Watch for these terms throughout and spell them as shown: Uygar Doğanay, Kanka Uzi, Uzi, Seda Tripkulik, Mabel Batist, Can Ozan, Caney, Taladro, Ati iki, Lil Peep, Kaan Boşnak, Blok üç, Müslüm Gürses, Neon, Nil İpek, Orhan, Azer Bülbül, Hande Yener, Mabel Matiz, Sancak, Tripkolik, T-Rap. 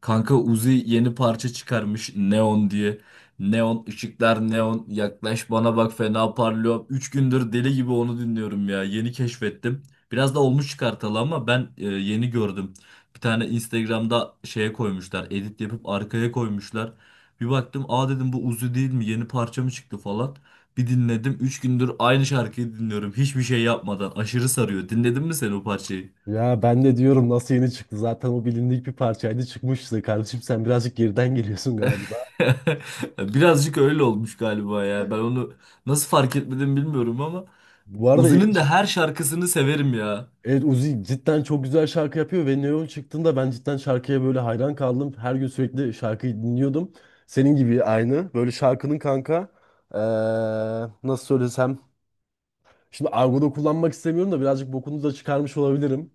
Kanka Uzi yeni parça çıkarmış Neon diye. Neon ışıklar neon yaklaş bana bak fena parlıyor. Üç gündür deli gibi onu dinliyorum ya. Yeni keşfettim. Biraz da olmuş çıkartalı ama yeni gördüm. Bir tane Instagram'da şeye koymuşlar. Edit yapıp arkaya koymuşlar. Bir baktım aa dedim bu Uzi değil mi? Yeni parça mı çıktı falan. Bir dinledim. Üç gündür aynı şarkıyı dinliyorum. Hiçbir şey yapmadan. Aşırı sarıyor. Dinledin mi sen o parçayı? Ya ben de diyorum, nasıl yeni çıktı? Zaten o bilindik bir parçaydı, çıkmıştı. Kardeşim sen birazcık geriden geliyorsun galiba. Birazcık öyle olmuş galiba ya. Ben onu nasıl fark etmedim bilmiyorum ama Bu arada ilk Uzi'nin de çık her şarkısını severim ya. Evet, Uzi cidden çok güzel şarkı yapıyor ve Neon çıktığında ben cidden şarkıya böyle hayran kaldım. Her gün sürekli şarkıyı dinliyordum. Senin gibi aynı. Böyle şarkının kanka, eee, nasıl söylesem. Şimdi argoda kullanmak istemiyorum da birazcık bokunu da çıkarmış olabilirim.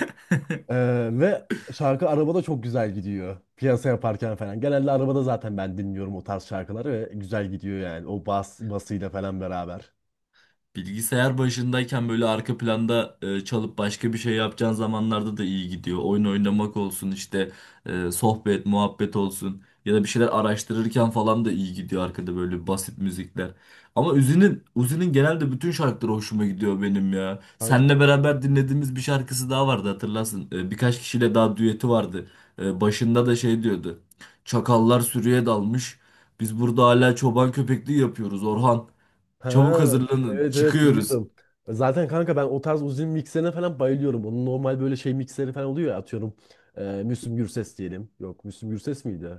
Ve şarkı arabada çok güzel gidiyor. Piyasa yaparken falan. Genelde arabada zaten ben dinliyorum o tarz şarkıları ve güzel gidiyor yani. O bas basıyla falan beraber. Bilgisayar başındayken böyle arka planda çalıp başka bir şey yapacağın zamanlarda da iyi gidiyor. Oyun oynamak olsun işte sohbet, muhabbet olsun ya da bir şeyler araştırırken falan da iyi gidiyor arkada böyle basit müzikler. Ama Uzi'nin genelde bütün şarkıları hoşuma gidiyor benim ya. Kanka. Seninle beraber dinlediğimiz bir şarkısı daha vardı hatırlarsın. Birkaç kişiyle daha düeti vardı. Başında da şey diyordu. Çakallar sürüye dalmış. Biz burada hala çoban köpekliği yapıyoruz Orhan. Ha, Çabuk hazırlanın. evet, evet, Çıkıyoruz. biliyorum. Zaten kanka ben o tarz uzun mikserine falan bayılıyorum. Onun normal böyle şey mikseri falan oluyor ya, atıyorum. Müslüm Gürses diyelim. Yok, Müslüm Gürses miydi?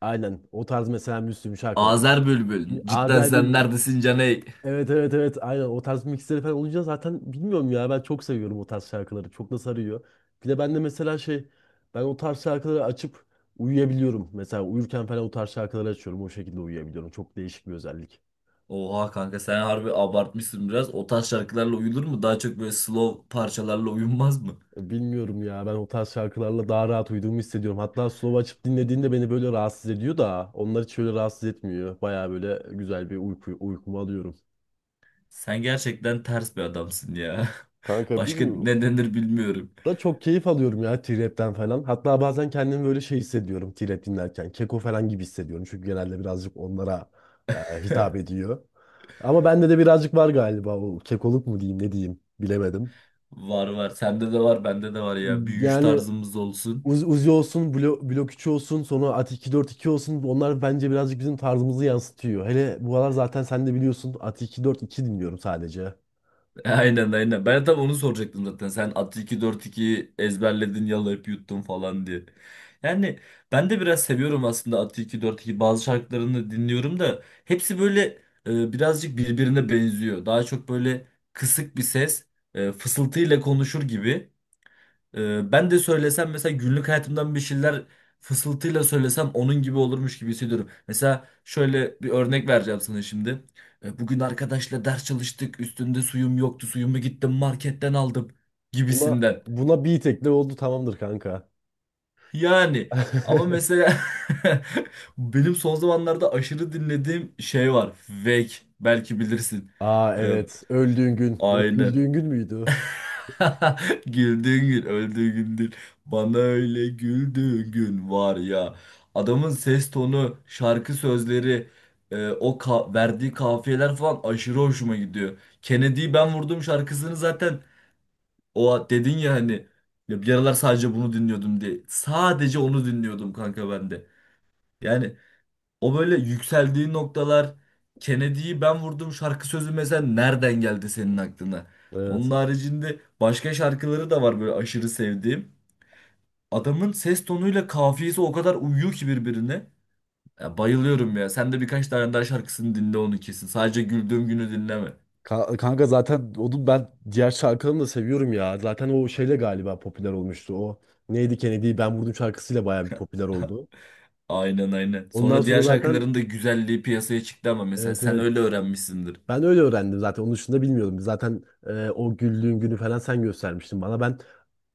Aynen o tarz, mesela Müslüm şarkıları. Azer Bülbül. Cidden Azer sen Bülbül. neredesin Caney? Evet, evet, evet, aynen o tarz mixleri falan olunca zaten bilmiyorum ya, ben çok seviyorum o tarz şarkıları, çok da sarıyor. Bir de ben de mesela şey, ben o tarz şarkıları açıp uyuyabiliyorum. Mesela uyurken falan o tarz şarkıları açıyorum, o şekilde uyuyabiliyorum. Çok değişik bir özellik. Oha kanka sen harbi abartmışsın biraz. O tarz şarkılarla uyulur mu? Daha çok böyle slow parçalarla uyunmaz mı? Bilmiyorum ya, ben o tarz şarkılarla daha rahat uyuduğumu hissediyorum. Hatta slow açıp dinlediğinde beni böyle rahatsız ediyor da, onlar hiç öyle rahatsız etmiyor. Baya böyle güzel bir uyku, uykumu alıyorum. Sen gerçekten ters bir adamsın ya. Kanka Başka bilmiyorum. ne denir bilmiyorum. Da çok keyif alıyorum ya T-Rap'ten falan. Hatta bazen kendimi böyle şey hissediyorum T-Rap dinlerken. Keko falan gibi hissediyorum. Çünkü genelde birazcık onlara hitap ediyor. Ama bende de birazcık var galiba, o kekoluk mu diyeyim, ne diyeyim bilemedim. Var var. Sende de var, bende de var ya. Büyüyüş Yani tarzımız olsun. Uzi olsun, Blok üç olsun, sonra At iki Ati iki olsun. Onlar bence birazcık bizim tarzımızı yansıtıyor. Hele bu aralar zaten sen de biliyorsun, At iki Ati iki dinliyorum sadece. Aynen aynen. Ben tam onu soracaktım zaten. Sen atı 2 4 2 ezberledin, yalayıp yuttun falan diye. Yani ben de biraz seviyorum aslında atı 2 4 2 bazı şarkılarını dinliyorum da hepsi böyle birazcık birbirine benziyor. Daha çok böyle kısık bir ses, fısıltıyla konuşur gibi. Ben de söylesem mesela günlük hayatımdan bir şeyler fısıltıyla söylesem onun gibi olurmuş gibi hissediyorum. Mesela şöyle bir örnek vereceğim sana şimdi. Bugün arkadaşla ders çalıştık. Üstünde suyum yoktu. Suyumu gittim marketten aldım Buna gibisinden. buna bir tekle oldu, tamamdır kanka. Yani ama mesela benim son zamanlarda aşırı dinlediğim şey var. Vek belki bilirsin. Aa, Ee, evet, öldüğün gün. Yok, aynen. güldüğün gün müydü? Güldüğün gün öldüğün gündür. Bana öyle güldüğün gün var ya. Adamın ses tonu, şarkı sözleri, verdiği kafiyeler falan aşırı hoşuma gidiyor. Kennedy'yi ben vurdum şarkısını zaten o dedin ya hani ya bir aralar sadece bunu dinliyordum diye. Sadece onu dinliyordum kanka ben de. Yani o böyle yükseldiği noktalar Kennedy'yi ben vurdum şarkı sözü mesela nereden geldi senin aklına? Onun Evet. haricinde başka şarkıları da var böyle aşırı sevdiğim. Adamın ses tonuyla kafiyesi o kadar uyuyor ki birbirine. Ya bayılıyorum ya. Sen de birkaç tane daha şarkısını dinle onu kesin. Sadece güldüğüm günü dinleme. Kanka zaten onu, ben diğer şarkılarını da seviyorum ya. Zaten o şeyle galiba popüler olmuştu. O neydi, Kennedy'yi ben vurdum şarkısıyla bayağı bir popüler oldu. Aynen aynen. Ondan Sonra sonra diğer zaten, şarkıların da güzelliği piyasaya çıktı ama mesela evet, sen öyle evet, öğrenmişsindir. ben öyle öğrendim zaten. Onun dışında bilmiyordum. Zaten o güldüğün günü falan sen göstermiştin bana. Ben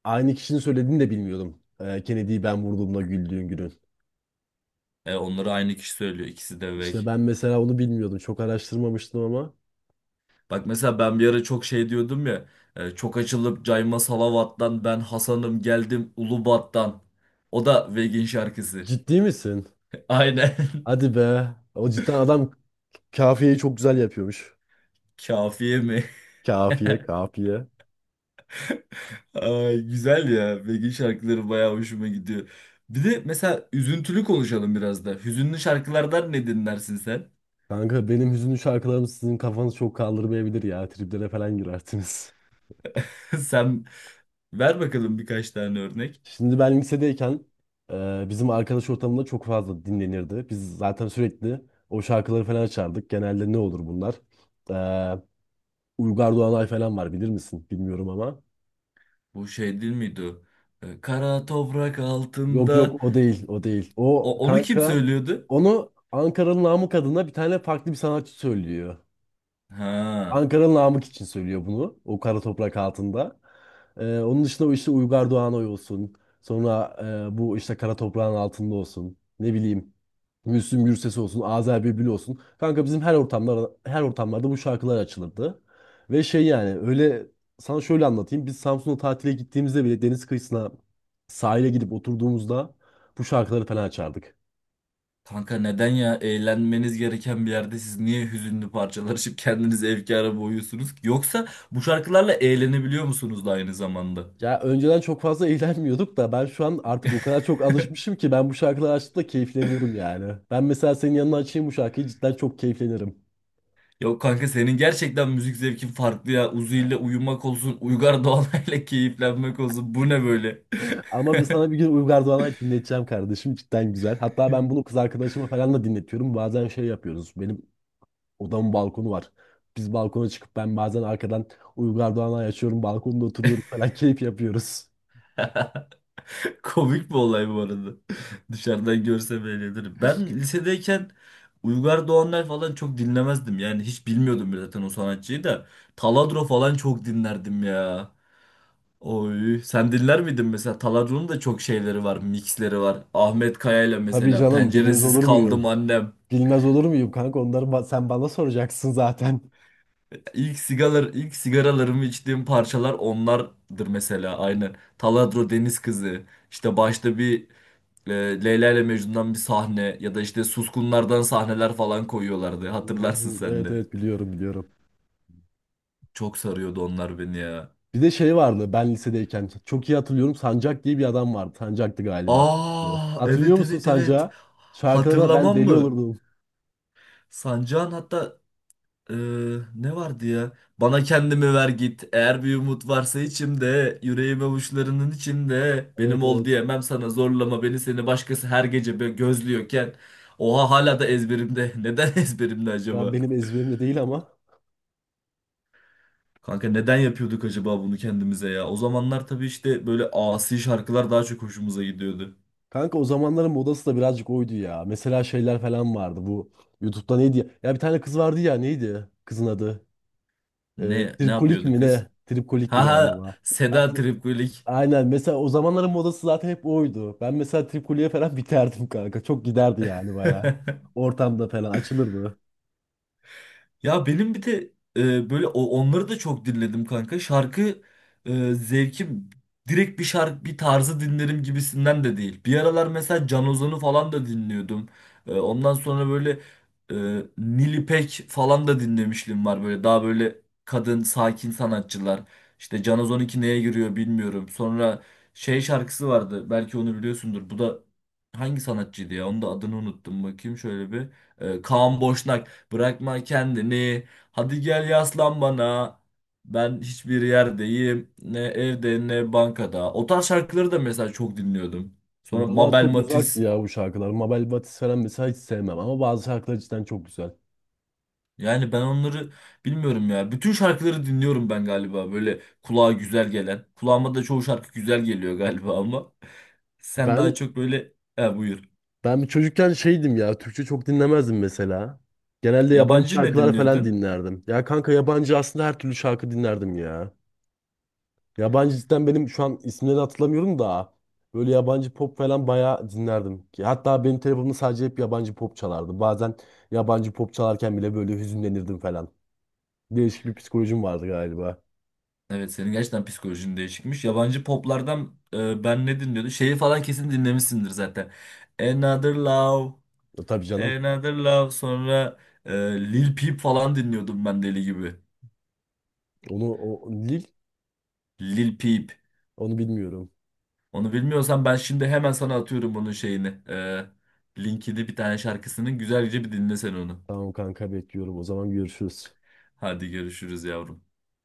aynı kişinin söylediğini de bilmiyordum. Kennedy'yi ben vurduğumda güldüğün günün. Onları aynı kişi söylüyor. İkisi de Veg. İşte ben mesela onu bilmiyordum. Çok araştırmamıştım ama. Bak mesela ben bir ara çok şey diyordum ya. Çok açılıp Cayma Salavat'tan ben Hasan'ım geldim Ulubat'tan. O da Vegin şarkısı. Ciddi misin? Aynen. Hadi be. O cidden adam kafiyeyi çok güzel yapıyormuş. Kafiye mi? Kafiye, kafiye. Ay, güzel ya. Vegin şarkıları bayağı hoşuma gidiyor. Bir de mesela üzüntülü konuşalım biraz da. Hüzünlü şarkılardan ne dinlersin sen? Kanka benim hüzünlü şarkılarım sizin kafanız çok kaldırmayabilir ya. Triplere falan girersiniz. Sen ver bakalım birkaç tane örnek. Şimdi ben lisedeyken bizim arkadaş ortamında çok fazla dinlenirdi. Biz zaten sürekli o şarkıları falan açardık. Genelde ne olur bunlar? E, Uygar Doğanay falan var, bilir misin? Bilmiyorum ama. Bu şey değil miydi o? Kara toprak Yok altında. yok, o değil o değil. O O, onu kim kanka, söylüyordu? onu Ankara'nın namı adına bir tane farklı bir sanatçı söylüyor. Ha. Ankara'nın Namık için söylüyor bunu. O kara toprak altında. Onun dışında o işte Uygar Doğanoy olsun. Sonra bu işte kara toprağın altında olsun. Ne bileyim. Müslüm Gürses olsun. Azer Bülbül olsun. Kanka bizim her ortamlarda bu şarkılar açılırdı. Ve şey yani öyle, sana şöyle anlatayım. Biz Samsun'a tatile gittiğimizde bile deniz kıyısına, sahile gidip oturduğumuzda bu şarkıları falan açardık. Kanka neden ya eğlenmeniz gereken bir yerde siz niye hüzünlü parçalar açıp kendinizi efkara boğuyorsunuz ki? Yoksa bu şarkılarla eğlenebiliyor musunuz da aynı zamanda? Ya önceden çok fazla eğlenmiyorduk da, ben şu an artık o kadar çok alışmışım ki, ben bu şarkıları açtığımda keyifleniyorum yani. Ben mesela senin yanına açayım bu şarkıyı, cidden çok keyiflenirim. Yok kanka senin gerçekten müzik zevkin farklı ya. Uzi ile uyumak olsun, Uygar Doğanay'la keyiflenmek olsun. Bu ne böyle? Ama sana bir gün Uygar Doğan'a dinleteceğim kardeşim, cidden güzel. Hatta ben bunu kız arkadaşıma falan da dinletiyorum. Bazen şey yapıyoruz. Benim odamın balkonu var. Biz balkona çıkıp ben bazen arkadan Uygar Doğan'a açıyorum. Balkonda oturuyorum falan keyif yapıyoruz. Komik bir olay bu arada. Dışarıdan görsem eğlenirim. Ben lisedeyken Uygar Doğanlar falan çok dinlemezdim. Yani hiç bilmiyordum bile zaten o sanatçıyı da. Taladro falan çok dinlerdim ya. Oy, sen dinler miydin mesela? Taladron'un da çok şeyleri var, mixleri var. Ahmet Kaya'yla Tabii mesela canım, bilmez Penceresiz olur Kaldım muyum? Annem. Bilmez olur muyum kanka, onları sen bana soracaksın zaten. İlk sigalar, ilk sigaralarımı içtiğim parçalar onlardır mesela aynen. Taladro Deniz Kızı. İşte başta bir e, Leyla ile Mecnun'dan bir sahne ya da işte Suskunlardan sahneler falan koyuyorlardı. Hı Hatırlarsın hı. sen Evet, de. evet, biliyorum, biliyorum. Çok sarıyordu onlar beni ya. Bir de şey vardı, ben lisedeyken çok iyi hatırlıyorum, Sancak diye bir adam vardı. Sancak'tı galiba. Aa, Hatırlıyor evet musun evet evet. Sancak'ı? Şarkılarına ben Hatırlamam deli mı? olurdum. Sancağın hatta Ee, ne vardı ya? Bana kendimi ver git. Eğer bir umut varsa içimde, yüreğim avuçlarının içinde. Benim Evet, ol evet. diyemem sana zorlama beni seni başkası her gece gözlüyorken. Oha hala da ezberimde. Neden ezberimde Şu an acaba? benim ezberimde değil ama. Kanka neden yapıyorduk acaba bunu kendimize ya? O zamanlar tabii işte böyle asi şarkılar daha çok hoşumuza gidiyordu. Kanka o zamanların modası da birazcık oydu ya. Mesela şeyler falan vardı bu. YouTube'da neydi ya? Ya bir tane kız vardı ya, neydi kızın adı? Ee, Ne Tripkolik yapıyordu mi kız? ne? Tripkolik'ti Ha ha galiba. Hat- Seda Tripkulik. Aynen, mesela o zamanların modası zaten hep oydu. Ben mesela Tripkolik'e falan biterdim kanka. Çok giderdi yani, baya ortamda falan açılırdı. Ya benim bir de onları da çok dinledim kanka. Zevkim direkt bir şarkı bir tarzı dinlerim gibisinden de değil. Bir aralar mesela Can Ozan'ı falan da dinliyordum. Ondan sonra e, Nil İpek falan da dinlemişliğim var. Böyle daha böyle kadın sakin sanatçılar. İşte Can Ozan neye giriyor bilmiyorum. Sonra şey şarkısı vardı. Belki onu biliyorsundur. Bu da hangi sanatçıydı ya? Onun da adını unuttum. Bakayım şöyle bir. E, Kaan Boşnak. Bırakma kendini. Hadi gel yaslan bana. Ben hiçbir yerdeyim. Ne evde ne bankada. O tarz şarkıları da mesela çok dinliyordum. Sonra Bana Mabel çok uzaktı Matiz. ya bu şarkılar. Mabel Batist falan mesela hiç sevmem ama bazı şarkılar cidden çok güzel. Yani ben onları bilmiyorum ya. Bütün şarkıları dinliyorum ben galiba. Böyle kulağa güzel gelen. Kulağıma da çoğu şarkı güzel geliyor galiba ama. Sen Ben daha çok böyle... E, buyur. ben bir çocukken şeydim ya, Türkçe çok dinlemezdim mesela. Genelde yabancı Yabancı ne şarkılar falan dinliyordun? dinlerdim. Ya kanka, yabancı aslında her türlü şarkı dinlerdim ya. Yabancı cidden benim şu an isimleri hatırlamıyorum da, böyle yabancı pop falan bayağı dinlerdim. Ki hatta benim telefonumda sadece hep yabancı pop çalardı. Bazen yabancı pop çalarken bile böyle hüzünlenirdim falan. Değişik bir psikolojim vardı galiba. Evet senin gerçekten psikolojin değişikmiş. Yabancı poplardan ben ne dinliyordum? Şeyi falan kesin dinlemişsindir zaten. Another Love, Tabii canım. Another Love sonra e, Lil Peep falan dinliyordum ben deli gibi. Onu o, Lil Lil Peep. Onu bilmiyorum. Onu bilmiyorsan ben şimdi hemen sana atıyorum bunun şeyini. E, linkini bir tane şarkısının güzelce bir dinle sen onu. Tamam kanka, bekliyorum. O zaman görüşürüz. Hadi görüşürüz yavrum.